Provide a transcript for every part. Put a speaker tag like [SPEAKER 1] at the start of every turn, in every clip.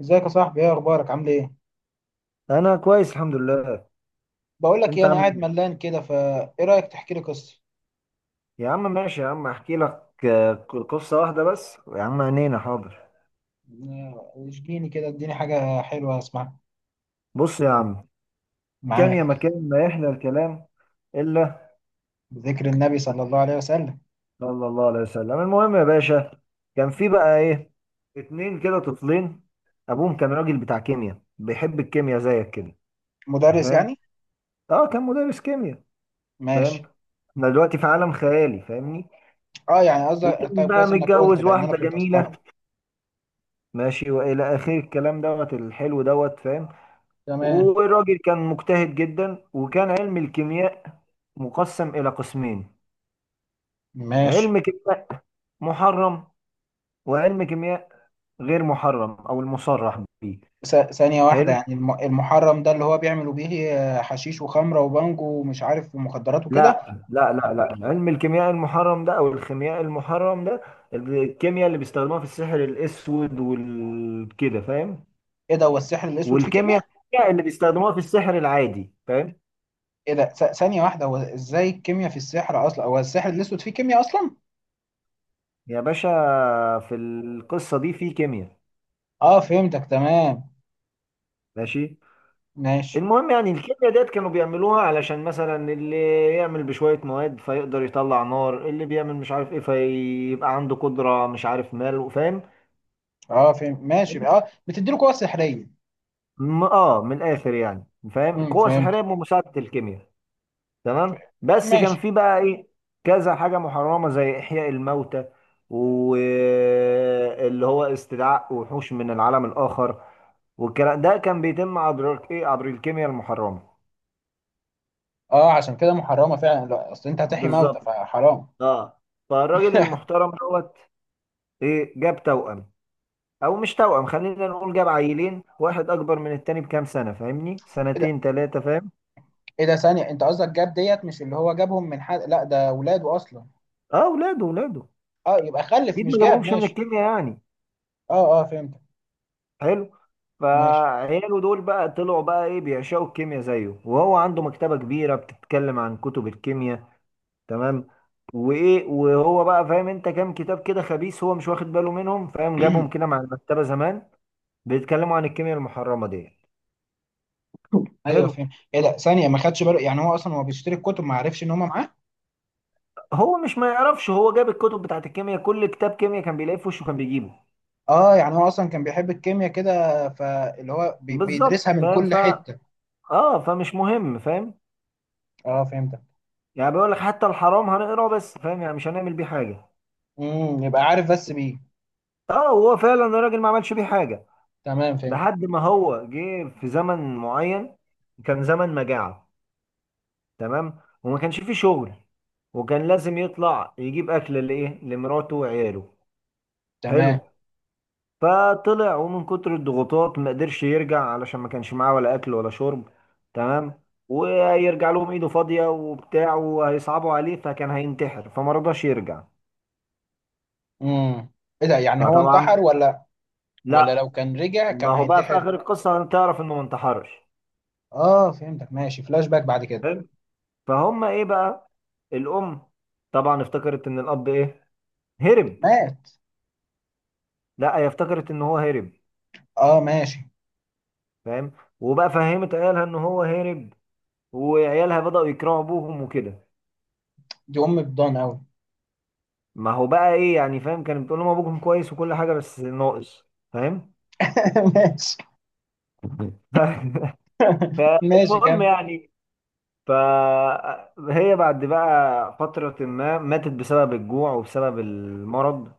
[SPEAKER 1] ازيك يا صاحبي؟ ايه اخبارك؟ عامل ايه؟
[SPEAKER 2] انا كويس، الحمد لله.
[SPEAKER 1] بقول لك
[SPEAKER 2] انت
[SPEAKER 1] ايه، انا
[SPEAKER 2] عامل
[SPEAKER 1] قاعد
[SPEAKER 2] ايه؟
[SPEAKER 1] ملان كده، فايه رايك تحكي لي قصه؟
[SPEAKER 2] يا عم ماشي يا عم، احكي لك قصه واحده بس. يا عم عينينا حاضر.
[SPEAKER 1] آه، اشجيني كده، اديني حاجه حلوه اسمعها.
[SPEAKER 2] بص يا عم، كان
[SPEAKER 1] معاك.
[SPEAKER 2] يا مكان ما يحلى الكلام الا
[SPEAKER 1] بذكر النبي صلى الله عليه وسلم.
[SPEAKER 2] صلى الله عليه وسلم. المهم يا باشا، كان في بقى ايه؟ اتنين كده طفلين. ابوهم كان راجل بتاع كيمياء، بيحب الكيمياء زيك كده. أنت
[SPEAKER 1] مدرس
[SPEAKER 2] فاهم؟
[SPEAKER 1] يعني.
[SPEAKER 2] اه كان مدرس كيمياء.
[SPEAKER 1] ماشي.
[SPEAKER 2] فاهم؟ احنا دلوقتي في عالم خيالي، فاهمني؟
[SPEAKER 1] اه يعني قصدك؟
[SPEAKER 2] وكان
[SPEAKER 1] طيب
[SPEAKER 2] بقى
[SPEAKER 1] كويس انك قلت،
[SPEAKER 2] متجوز
[SPEAKER 1] لان انا
[SPEAKER 2] واحده
[SPEAKER 1] كنت استغرب.
[SPEAKER 2] جميله ماشي، والى اخر الكلام دوت الحلو دوت. فاهم؟
[SPEAKER 1] تمام.
[SPEAKER 2] والراجل كان مجتهد جدا، وكان علم الكيمياء مقسم إلى قسمين:
[SPEAKER 1] ماشي.
[SPEAKER 2] علم كيمياء محرم، وعلم كيمياء غير محرم أو المصرح به.
[SPEAKER 1] ثانيه واحده،
[SPEAKER 2] حلو.
[SPEAKER 1] يعني المحرم ده اللي هو بيعملوا بيه؟ آه، حشيش وخمره وبانجو ومش عارف ومخدرات وكده.
[SPEAKER 2] لا لا لا لا، علم الكيمياء المحرم ده أو الخيمياء المحرم ده، الكيمياء اللي بيستخدموها في السحر الأسود والكده، فاهم؟
[SPEAKER 1] ايه ده؟ هو السحر الاسود فيه
[SPEAKER 2] والكيمياء
[SPEAKER 1] كيمياء؟
[SPEAKER 2] اللي بيستخدموها في السحر العادي، فاهم؟
[SPEAKER 1] ايه ده؟ ثانيه واحده، هو ازاي الكيمياء في السحر اصلا؟ هو السحر الاسود فيه كيمياء اصلا؟
[SPEAKER 2] يا باشا في القصة دي في كيمياء.
[SPEAKER 1] اه فهمتك تمام.
[SPEAKER 2] ماشي.
[SPEAKER 1] ماشي.
[SPEAKER 2] المهم يعني الكيمياء ديت كانوا بيعملوها علشان مثلا اللي يعمل بشوية مواد فيقدر يطلع نار، اللي بيعمل مش عارف ايه فيبقى عنده قدرة مش عارف مال، فاهم؟
[SPEAKER 1] اه فهم، ماشي. اه بتدي له قوة سحرية.
[SPEAKER 2] من الاخر يعني، فاهم؟ قوة
[SPEAKER 1] فهمت.
[SPEAKER 2] سحرية بمساعدة الكيمياء.
[SPEAKER 1] ف-
[SPEAKER 2] تمام، بس كان
[SPEAKER 1] ماشي.
[SPEAKER 2] في بقى ايه؟ كذا حاجة محرمة زي احياء الموتى، واللي هو استدعاء وحوش من العالم الاخر، والكلام ده كان بيتم عبر ايه؟ عبر الكيمياء المحرمة.
[SPEAKER 1] اه عشان كده محرمة فعلا، لا اصل انت هتحيي موتى
[SPEAKER 2] بالظبط.
[SPEAKER 1] فحرام.
[SPEAKER 2] اه. فالراجل المحترم دوت ايه جاب توأم، او مش توأم، خلينا نقول جاب عيلين، واحد اكبر من التاني بكام سنة فاهمني،
[SPEAKER 1] ايه ده؟
[SPEAKER 2] سنتين ثلاثة، فاهم؟
[SPEAKER 1] ايه ده؟ ثانية، انت قصدك جاب ديت مش اللي هو جابهم من حد؟ لا ده ولاده اصلا.
[SPEAKER 2] اه اولاده اولاده.
[SPEAKER 1] اه يبقى خلف
[SPEAKER 2] اكيد
[SPEAKER 1] مش
[SPEAKER 2] ما
[SPEAKER 1] جاب.
[SPEAKER 2] جابهمش من
[SPEAKER 1] ماشي.
[SPEAKER 2] الكيمياء يعني.
[SPEAKER 1] اه اه فهمتك.
[SPEAKER 2] حلو.
[SPEAKER 1] ماشي.
[SPEAKER 2] فعياله دول بقى طلعوا بقى ايه، بيعشقوا الكيمياء زيه، وهو عنده مكتبة كبيرة بتتكلم عن كتب الكيمياء. تمام. وايه، وهو بقى فاهم انت كام كتاب كده خبيث هو مش واخد باله منهم، فاهم، جابهم كده مع المكتبة زمان، بيتكلموا عن الكيمياء المحرمة دي.
[SPEAKER 1] ايوه
[SPEAKER 2] حلو.
[SPEAKER 1] فهمت. ايه ده؟ ثانية، ما خدش باله؟ يعني هو اصلا هو بيشتري الكتب ما عرفش ان هما معاه؟
[SPEAKER 2] هو مش ما يعرفش، هو جاب الكتب بتاعت الكيمياء، كل كتاب كيمياء كان بيلاقيه في وشه كان بيجيبه.
[SPEAKER 1] اه يعني هو اصلا كان بيحب الكيمياء كده، فاللي هو بيدرسها
[SPEAKER 2] بالظبط،
[SPEAKER 1] من
[SPEAKER 2] فاهم.
[SPEAKER 1] كل
[SPEAKER 2] ف
[SPEAKER 1] حتة.
[SPEAKER 2] اه فمش مهم، فاهم؟
[SPEAKER 1] اه فهمتك.
[SPEAKER 2] يعني بيقول لك حتى الحرام هنقراه، بس فاهم يعني مش هنعمل بيه حاجه.
[SPEAKER 1] يبقى عارف بس بيه.
[SPEAKER 2] اه هو فعلا الراجل ما عملش بيه حاجه
[SPEAKER 1] تمام فهمت.
[SPEAKER 2] لحد ما هو جه في زمن معين، كان زمن مجاعه. تمام. وما كانش فيه شغل، وكان لازم يطلع يجيب اكل لايه، لمراته وعياله.
[SPEAKER 1] تمام.
[SPEAKER 2] حلو. فطلع، ومن كتر الضغوطات ما قدرش يرجع، علشان ما كانش معاه ولا اكل ولا شرب. تمام. وهيرجع لهم ايده فاضيه وبتاع وهيصعبوا عليه، فكان هينتحر، فما رضاش يرجع.
[SPEAKER 1] امم. ايه ده؟ يعني هو
[SPEAKER 2] فطبعا
[SPEAKER 1] انتحر ولا؟ ولا
[SPEAKER 2] لا،
[SPEAKER 1] لو كان رجع
[SPEAKER 2] ما
[SPEAKER 1] كان
[SPEAKER 2] هو بقى في
[SPEAKER 1] هينتحر؟
[SPEAKER 2] اخر القصه هتعرف انه ما انتحرش.
[SPEAKER 1] اه فهمتك، ماشي، فلاش باك بعد كده.
[SPEAKER 2] حلو. فهم ايه بقى، الام طبعا افتكرت ان الاب ايه، هرب.
[SPEAKER 1] مات.
[SPEAKER 2] لا، هي افتكرت ان هو هرب،
[SPEAKER 1] اه ماشي.
[SPEAKER 2] فاهم، وبقى فهمت عيالها ان هو هرب، وعيالها بدأوا يكرهوا ابوهم وكده.
[SPEAKER 1] دي ام بضان قوي.
[SPEAKER 2] ما هو بقى ايه يعني، فاهم، كانت بتقول لهم ابوكم كويس وكل حاجه بس ناقص، فاهم.
[SPEAKER 1] ماشي.
[SPEAKER 2] ف...
[SPEAKER 1] ماشي
[SPEAKER 2] فالمهم
[SPEAKER 1] كان.
[SPEAKER 2] يعني، فهي بعد بقى فتره ما ماتت بسبب الجوع وبسبب المرض.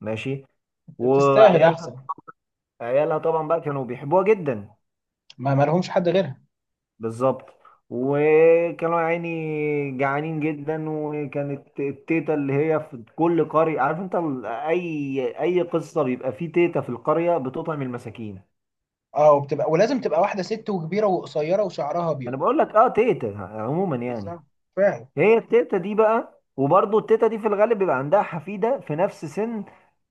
[SPEAKER 2] ماشي.
[SPEAKER 1] تستاهل
[SPEAKER 2] وعيالها،
[SPEAKER 1] احسن.
[SPEAKER 2] عيالها طبعا بقى كانوا بيحبوها جدا.
[SPEAKER 1] ما لهمش حد غيرها.
[SPEAKER 2] بالظبط. وكانوا يا عيني جعانين جدا، وكانت التيتا اللي هي في كل قرية عارف انت اي قصة بيبقى فيه تيتا في القرية بتطعم المساكين.
[SPEAKER 1] اه، وبتبقى ولازم تبقى واحده ست وكبيره وقصيره وشعرها ابيض.
[SPEAKER 2] انا بقول لك، اه تيتا عموما يعني.
[SPEAKER 1] بالظبط. فعلا.
[SPEAKER 2] هي التيتا دي بقى، وبرضه التيتا دي في الغالب بيبقى عندها حفيده في نفس سن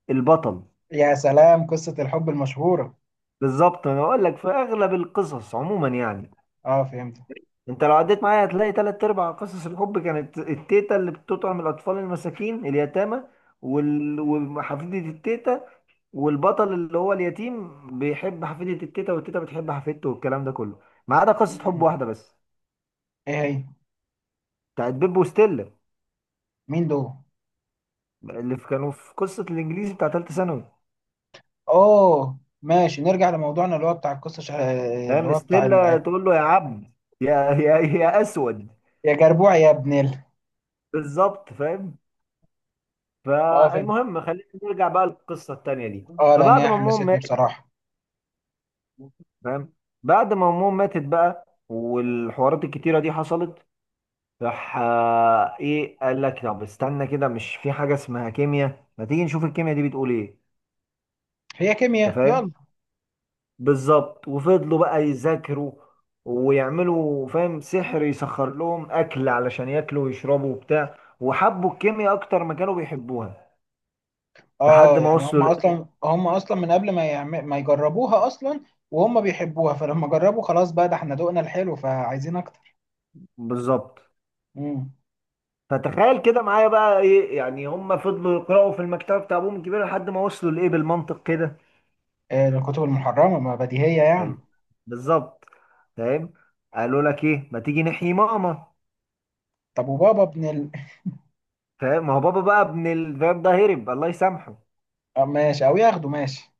[SPEAKER 2] البطل.
[SPEAKER 1] يا سلام، قصه الحب المشهوره.
[SPEAKER 2] بالظبط، انا بقول لك في اغلب القصص عموما يعني.
[SPEAKER 1] اه فهمت.
[SPEAKER 2] انت لو عديت معايا هتلاقي تلات ارباع قصص الحب كانت التيتا اللي بتطعم الاطفال المساكين اليتامى، وحفيده التيتا، والبطل اللي هو اليتيم بيحب حفيده التيتا، والتيتا بتحب حفيدته، والكلام ده كله. ما عدا قصه حب
[SPEAKER 1] مم.
[SPEAKER 2] واحده بس،
[SPEAKER 1] ايه هي؟
[SPEAKER 2] بتاعت بيب وستيلا،
[SPEAKER 1] مين دول؟
[SPEAKER 2] كانوا في قصه الانجليزي بتاع ثالثه ثانوي،
[SPEAKER 1] اوه ماشي، نرجع لموضوعنا اللي هو بتاع القصه، اللي
[SPEAKER 2] فاهم،
[SPEAKER 1] هو بتاع
[SPEAKER 2] ستيلا تقول له يا عبد، يا اسود.
[SPEAKER 1] يا جربوع يا ابن ال.
[SPEAKER 2] بالظبط، فاهم.
[SPEAKER 1] اه فهمت.
[SPEAKER 2] فالمهم خلينا نرجع بقى للقصه التانيه دي.
[SPEAKER 1] اه، لان
[SPEAKER 2] فبعد
[SPEAKER 1] هي
[SPEAKER 2] ما امهم
[SPEAKER 1] حمستني
[SPEAKER 2] ماتت،
[SPEAKER 1] بصراحه.
[SPEAKER 2] فاهم، بعد ما امهم ماتت بقى والحوارات الكتيره دي حصلت، راح ايه قال لك طب استنى كده، مش في حاجه اسمها كيمياء، ما تيجي نشوف الكيمياء دي بتقول ايه.
[SPEAKER 1] هي
[SPEAKER 2] انت
[SPEAKER 1] كيمياء
[SPEAKER 2] فاهم؟
[SPEAKER 1] يلا.
[SPEAKER 2] بالظبط. وفضلوا بقى يذاكروا ويعملوا فاهم سحر يسخر لهم اكل علشان ياكلوا ويشربوا وبتاع، وحبوا الكيمياء اكتر ما كانوا بيحبوها لحد
[SPEAKER 1] اه
[SPEAKER 2] ما
[SPEAKER 1] يعني هم اصلا هم اصلا من قبل ما ما يجربوها اصلا، وهم بيحبوها، فلما جربوا خلاص بقى، ده احنا ذوقنا الحلو فعايزين اكتر.
[SPEAKER 2] بالظبط.
[SPEAKER 1] امم.
[SPEAKER 2] فتخيل كده معايا بقى ايه، يعني هم فضلوا يقرأوا في المكتبة بتاع ابوهم الكبير لحد ما وصلوا لايه بالمنطق كده.
[SPEAKER 1] آه الكتب المحرمه، ما بديهيه يعني.
[SPEAKER 2] حلو، بالظبط، فاهم. قالوا لك ايه، ما تيجي نحيي ماما.
[SPEAKER 1] طب وبابا ابن ال.
[SPEAKER 2] فاهم، ما هو بابا بقى ابن الفاب ده هرب الله يسامحه.
[SPEAKER 1] آه ماشي او ياخده، ماشي.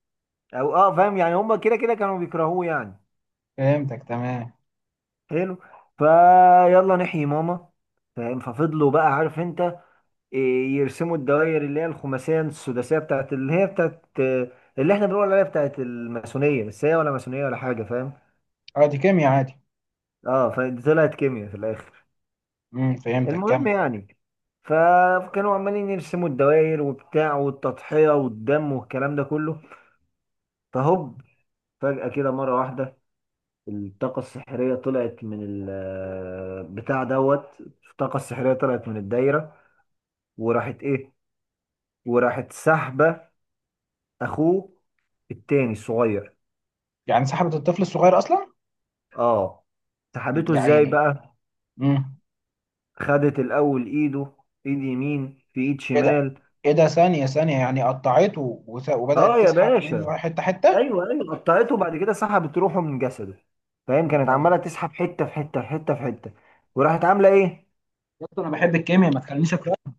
[SPEAKER 2] او اه، فاهم، يعني هم كده كده كانوا بيكرهوه يعني.
[SPEAKER 1] فهمتك تمام.
[SPEAKER 2] حلو. فيلا نحيي ماما، فاهم. ففضلوا بقى عارف انت يرسموا الدوائر اللي هي الخماسيه السداسيه بتاعت اللي هي بتاعت اللي احنا بنقول عليها بتاعت الماسونيه، بس هي ولا ماسونيه ولا حاجه فاهم.
[SPEAKER 1] اه دي كيمياء عادي.
[SPEAKER 2] اه فطلعت كيمياء في الاخر.
[SPEAKER 1] فهمتك،
[SPEAKER 2] المهم
[SPEAKER 1] كمل.
[SPEAKER 2] يعني، فكانوا عمالين يرسموا الدوائر وبتاع والتضحيه والدم والكلام ده كله. فهوب، فجاه كده مره واحده الطاقه السحريه طلعت من بتاع دوت. الطاقه السحريه طلعت من الدايره، وراحت ايه، وراحت سحبه، اخوه التاني الصغير.
[SPEAKER 1] يعني سحبت الطفل الصغير اصلا؟
[SPEAKER 2] اه. سحبته
[SPEAKER 1] يا
[SPEAKER 2] ازاي
[SPEAKER 1] عيني.
[SPEAKER 2] بقى؟
[SPEAKER 1] امم.
[SPEAKER 2] خدت الاول ايده، ايد يمين في ايد
[SPEAKER 1] ايه ده؟
[SPEAKER 2] شمال.
[SPEAKER 1] ايه ده؟ ثانية ثانية، يعني قطعته
[SPEAKER 2] اه
[SPEAKER 1] وبدأت
[SPEAKER 2] يا
[SPEAKER 1] تسحب
[SPEAKER 2] باشا،
[SPEAKER 1] منه حتة حتة؟
[SPEAKER 2] ايوه ايوه، قطعته وبعد كده سحبت روحه من جسده، فاهم، كانت عماله
[SPEAKER 1] ده-
[SPEAKER 2] تسحب حته في حته في حته في حته، وراحت عامله ايه.
[SPEAKER 1] يا اسطى انا بحب الكيمياء، ما تخلينيش اكرهها.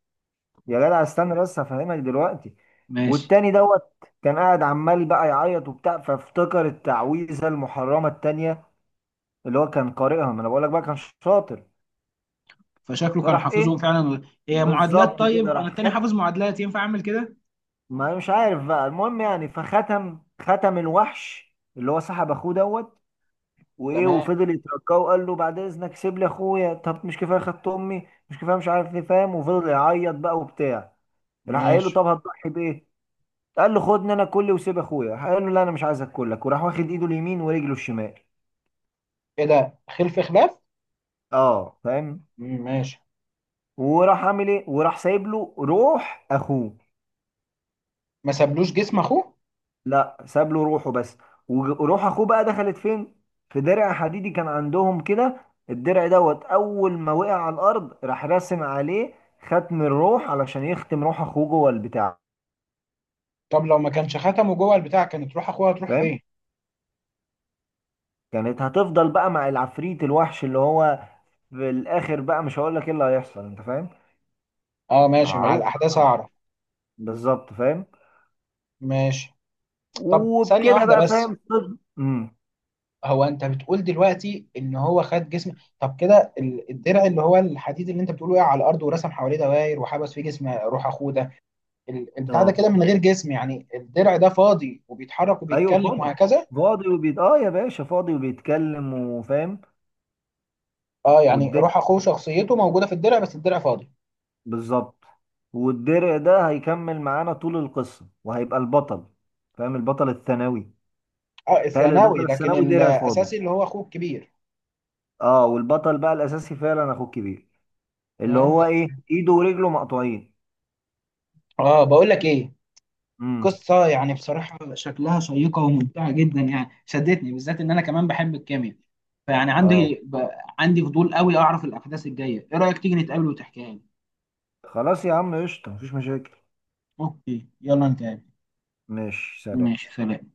[SPEAKER 2] يا جدع استنى بس هفهمك دلوقتي.
[SPEAKER 1] ماشي.
[SPEAKER 2] والتاني دوت كان قاعد عمال بقى يعيط وبتاع، فافتكر التعويذه المحرمه التانيه اللي هو كان قارئها، ما انا بقول لك بقى كان شاطر،
[SPEAKER 1] فشكله كان
[SPEAKER 2] فراح
[SPEAKER 1] حافظهم
[SPEAKER 2] ايه.
[SPEAKER 1] فعلا. هي معادلات؟
[SPEAKER 2] بالظبط
[SPEAKER 1] طيب
[SPEAKER 2] كده،
[SPEAKER 1] انا
[SPEAKER 2] راح
[SPEAKER 1] التاني
[SPEAKER 2] خد،
[SPEAKER 1] حافظ معادلات، ينفع اعمل كده؟
[SPEAKER 2] ما أنا مش عارف بقى. المهم يعني، فختم الوحش اللي هو سحب اخوه دوت. وايه،
[SPEAKER 1] تمام.
[SPEAKER 2] وفضل يتركاه وقال له بعد اذنك سيب لي اخويا، طب مش كفايه خدت امي، مش كفايه، مش عارف ايه، فاهم، وفضل يعيط بقى وبتاع. راح قايل له
[SPEAKER 1] ماشي.
[SPEAKER 2] طب هتضحي بايه، قال له خدني انا كلي وسيب اخويا، راح قال له لا انا مش عايز اكلك، وراح واخد ايده اليمين ورجله الشمال.
[SPEAKER 1] ايه ده؟ خلف خلاف.
[SPEAKER 2] اه، فاهم.
[SPEAKER 1] مم، ماشي.
[SPEAKER 2] وراح عامل ايه، وراح سايب له روح اخوه.
[SPEAKER 1] ما سابلوش جسم اخوه.
[SPEAKER 2] لا ساب له روحه بس. وروح اخوه بقى دخلت فين؟ في درع حديدي كان عندهم كده. الدرع دوت اول ما وقع على الارض راح راسم عليه ختم الروح علشان يختم روح اخوه جوه البتاع.
[SPEAKER 1] طب لو ما كانش ختمه جوه البتاع، كانت روح اخوها تروح
[SPEAKER 2] فاهم،
[SPEAKER 1] فين؟
[SPEAKER 2] كانت هتفضل بقى مع العفريت الوحش اللي هو. في الاخر بقى مش هقول لك ايه اللي هيحصل انت فاهم.
[SPEAKER 1] اه ماشي، مع
[SPEAKER 2] معروف.
[SPEAKER 1] الاحداث
[SPEAKER 2] آه،
[SPEAKER 1] هعرف.
[SPEAKER 2] بالظبط، فاهم.
[SPEAKER 1] ماشي. طب ثانية
[SPEAKER 2] وبكده
[SPEAKER 1] واحدة
[SPEAKER 2] بقى
[SPEAKER 1] بس،
[SPEAKER 2] فاهم.
[SPEAKER 1] هو انت بتقول دلوقتي ان هو خد جسم؟ طب كده، الدرع اللي هو الحديد اللي انت بتقوله وقع على الارض ورسم حواليه دوائر وحبس فيه جسم روح اخوه ده، البتاع ده
[SPEAKER 2] اه
[SPEAKER 1] كده من غير جسم؟ يعني الدرع ده فاضي وبيتحرك
[SPEAKER 2] ايوه
[SPEAKER 1] وبيتكلم
[SPEAKER 2] فاضي.
[SPEAKER 1] وهكذا؟
[SPEAKER 2] فاضي وبيت اه يا باشا، فاضي وبيتكلم وفاهم.
[SPEAKER 1] اه يعني روح
[SPEAKER 2] والدنيا،
[SPEAKER 1] اخوه شخصيته موجوده في الدرع بس الدرع فاضي.
[SPEAKER 2] بالظبط. والدرع ده هيكمل معانا طول القصة وهيبقى البطل، فاهم، البطل الثانوي.
[SPEAKER 1] اه
[SPEAKER 2] تخيل
[SPEAKER 1] الثانوي،
[SPEAKER 2] البطل
[SPEAKER 1] لكن
[SPEAKER 2] الثانوي درع فاضي.
[SPEAKER 1] الاساسي اللي هو اخوه الكبير.
[SPEAKER 2] اه، والبطل بقى الأساسي فعلا أخوه الكبير، اللي هو
[SPEAKER 1] فهمتك.
[SPEAKER 2] إيه إيده ورجله مقطوعين.
[SPEAKER 1] اه بقول لك ايه،
[SPEAKER 2] امم.
[SPEAKER 1] قصة يعني بصراحة شكلها شيقة وممتعة جدا، يعني شدتني بالذات إن أنا كمان بحب الكيمياء، فيعني
[SPEAKER 2] اه
[SPEAKER 1] عندي فضول قوي أعرف الأحداث الجاية، إيه رأيك تيجي نتقابل وتحكيها لي؟
[SPEAKER 2] خلاص يا عم، قشطة مفيش مشاكل.
[SPEAKER 1] أوكي، يلا نتقابل.
[SPEAKER 2] ماشي سلام.
[SPEAKER 1] ماشي سلام.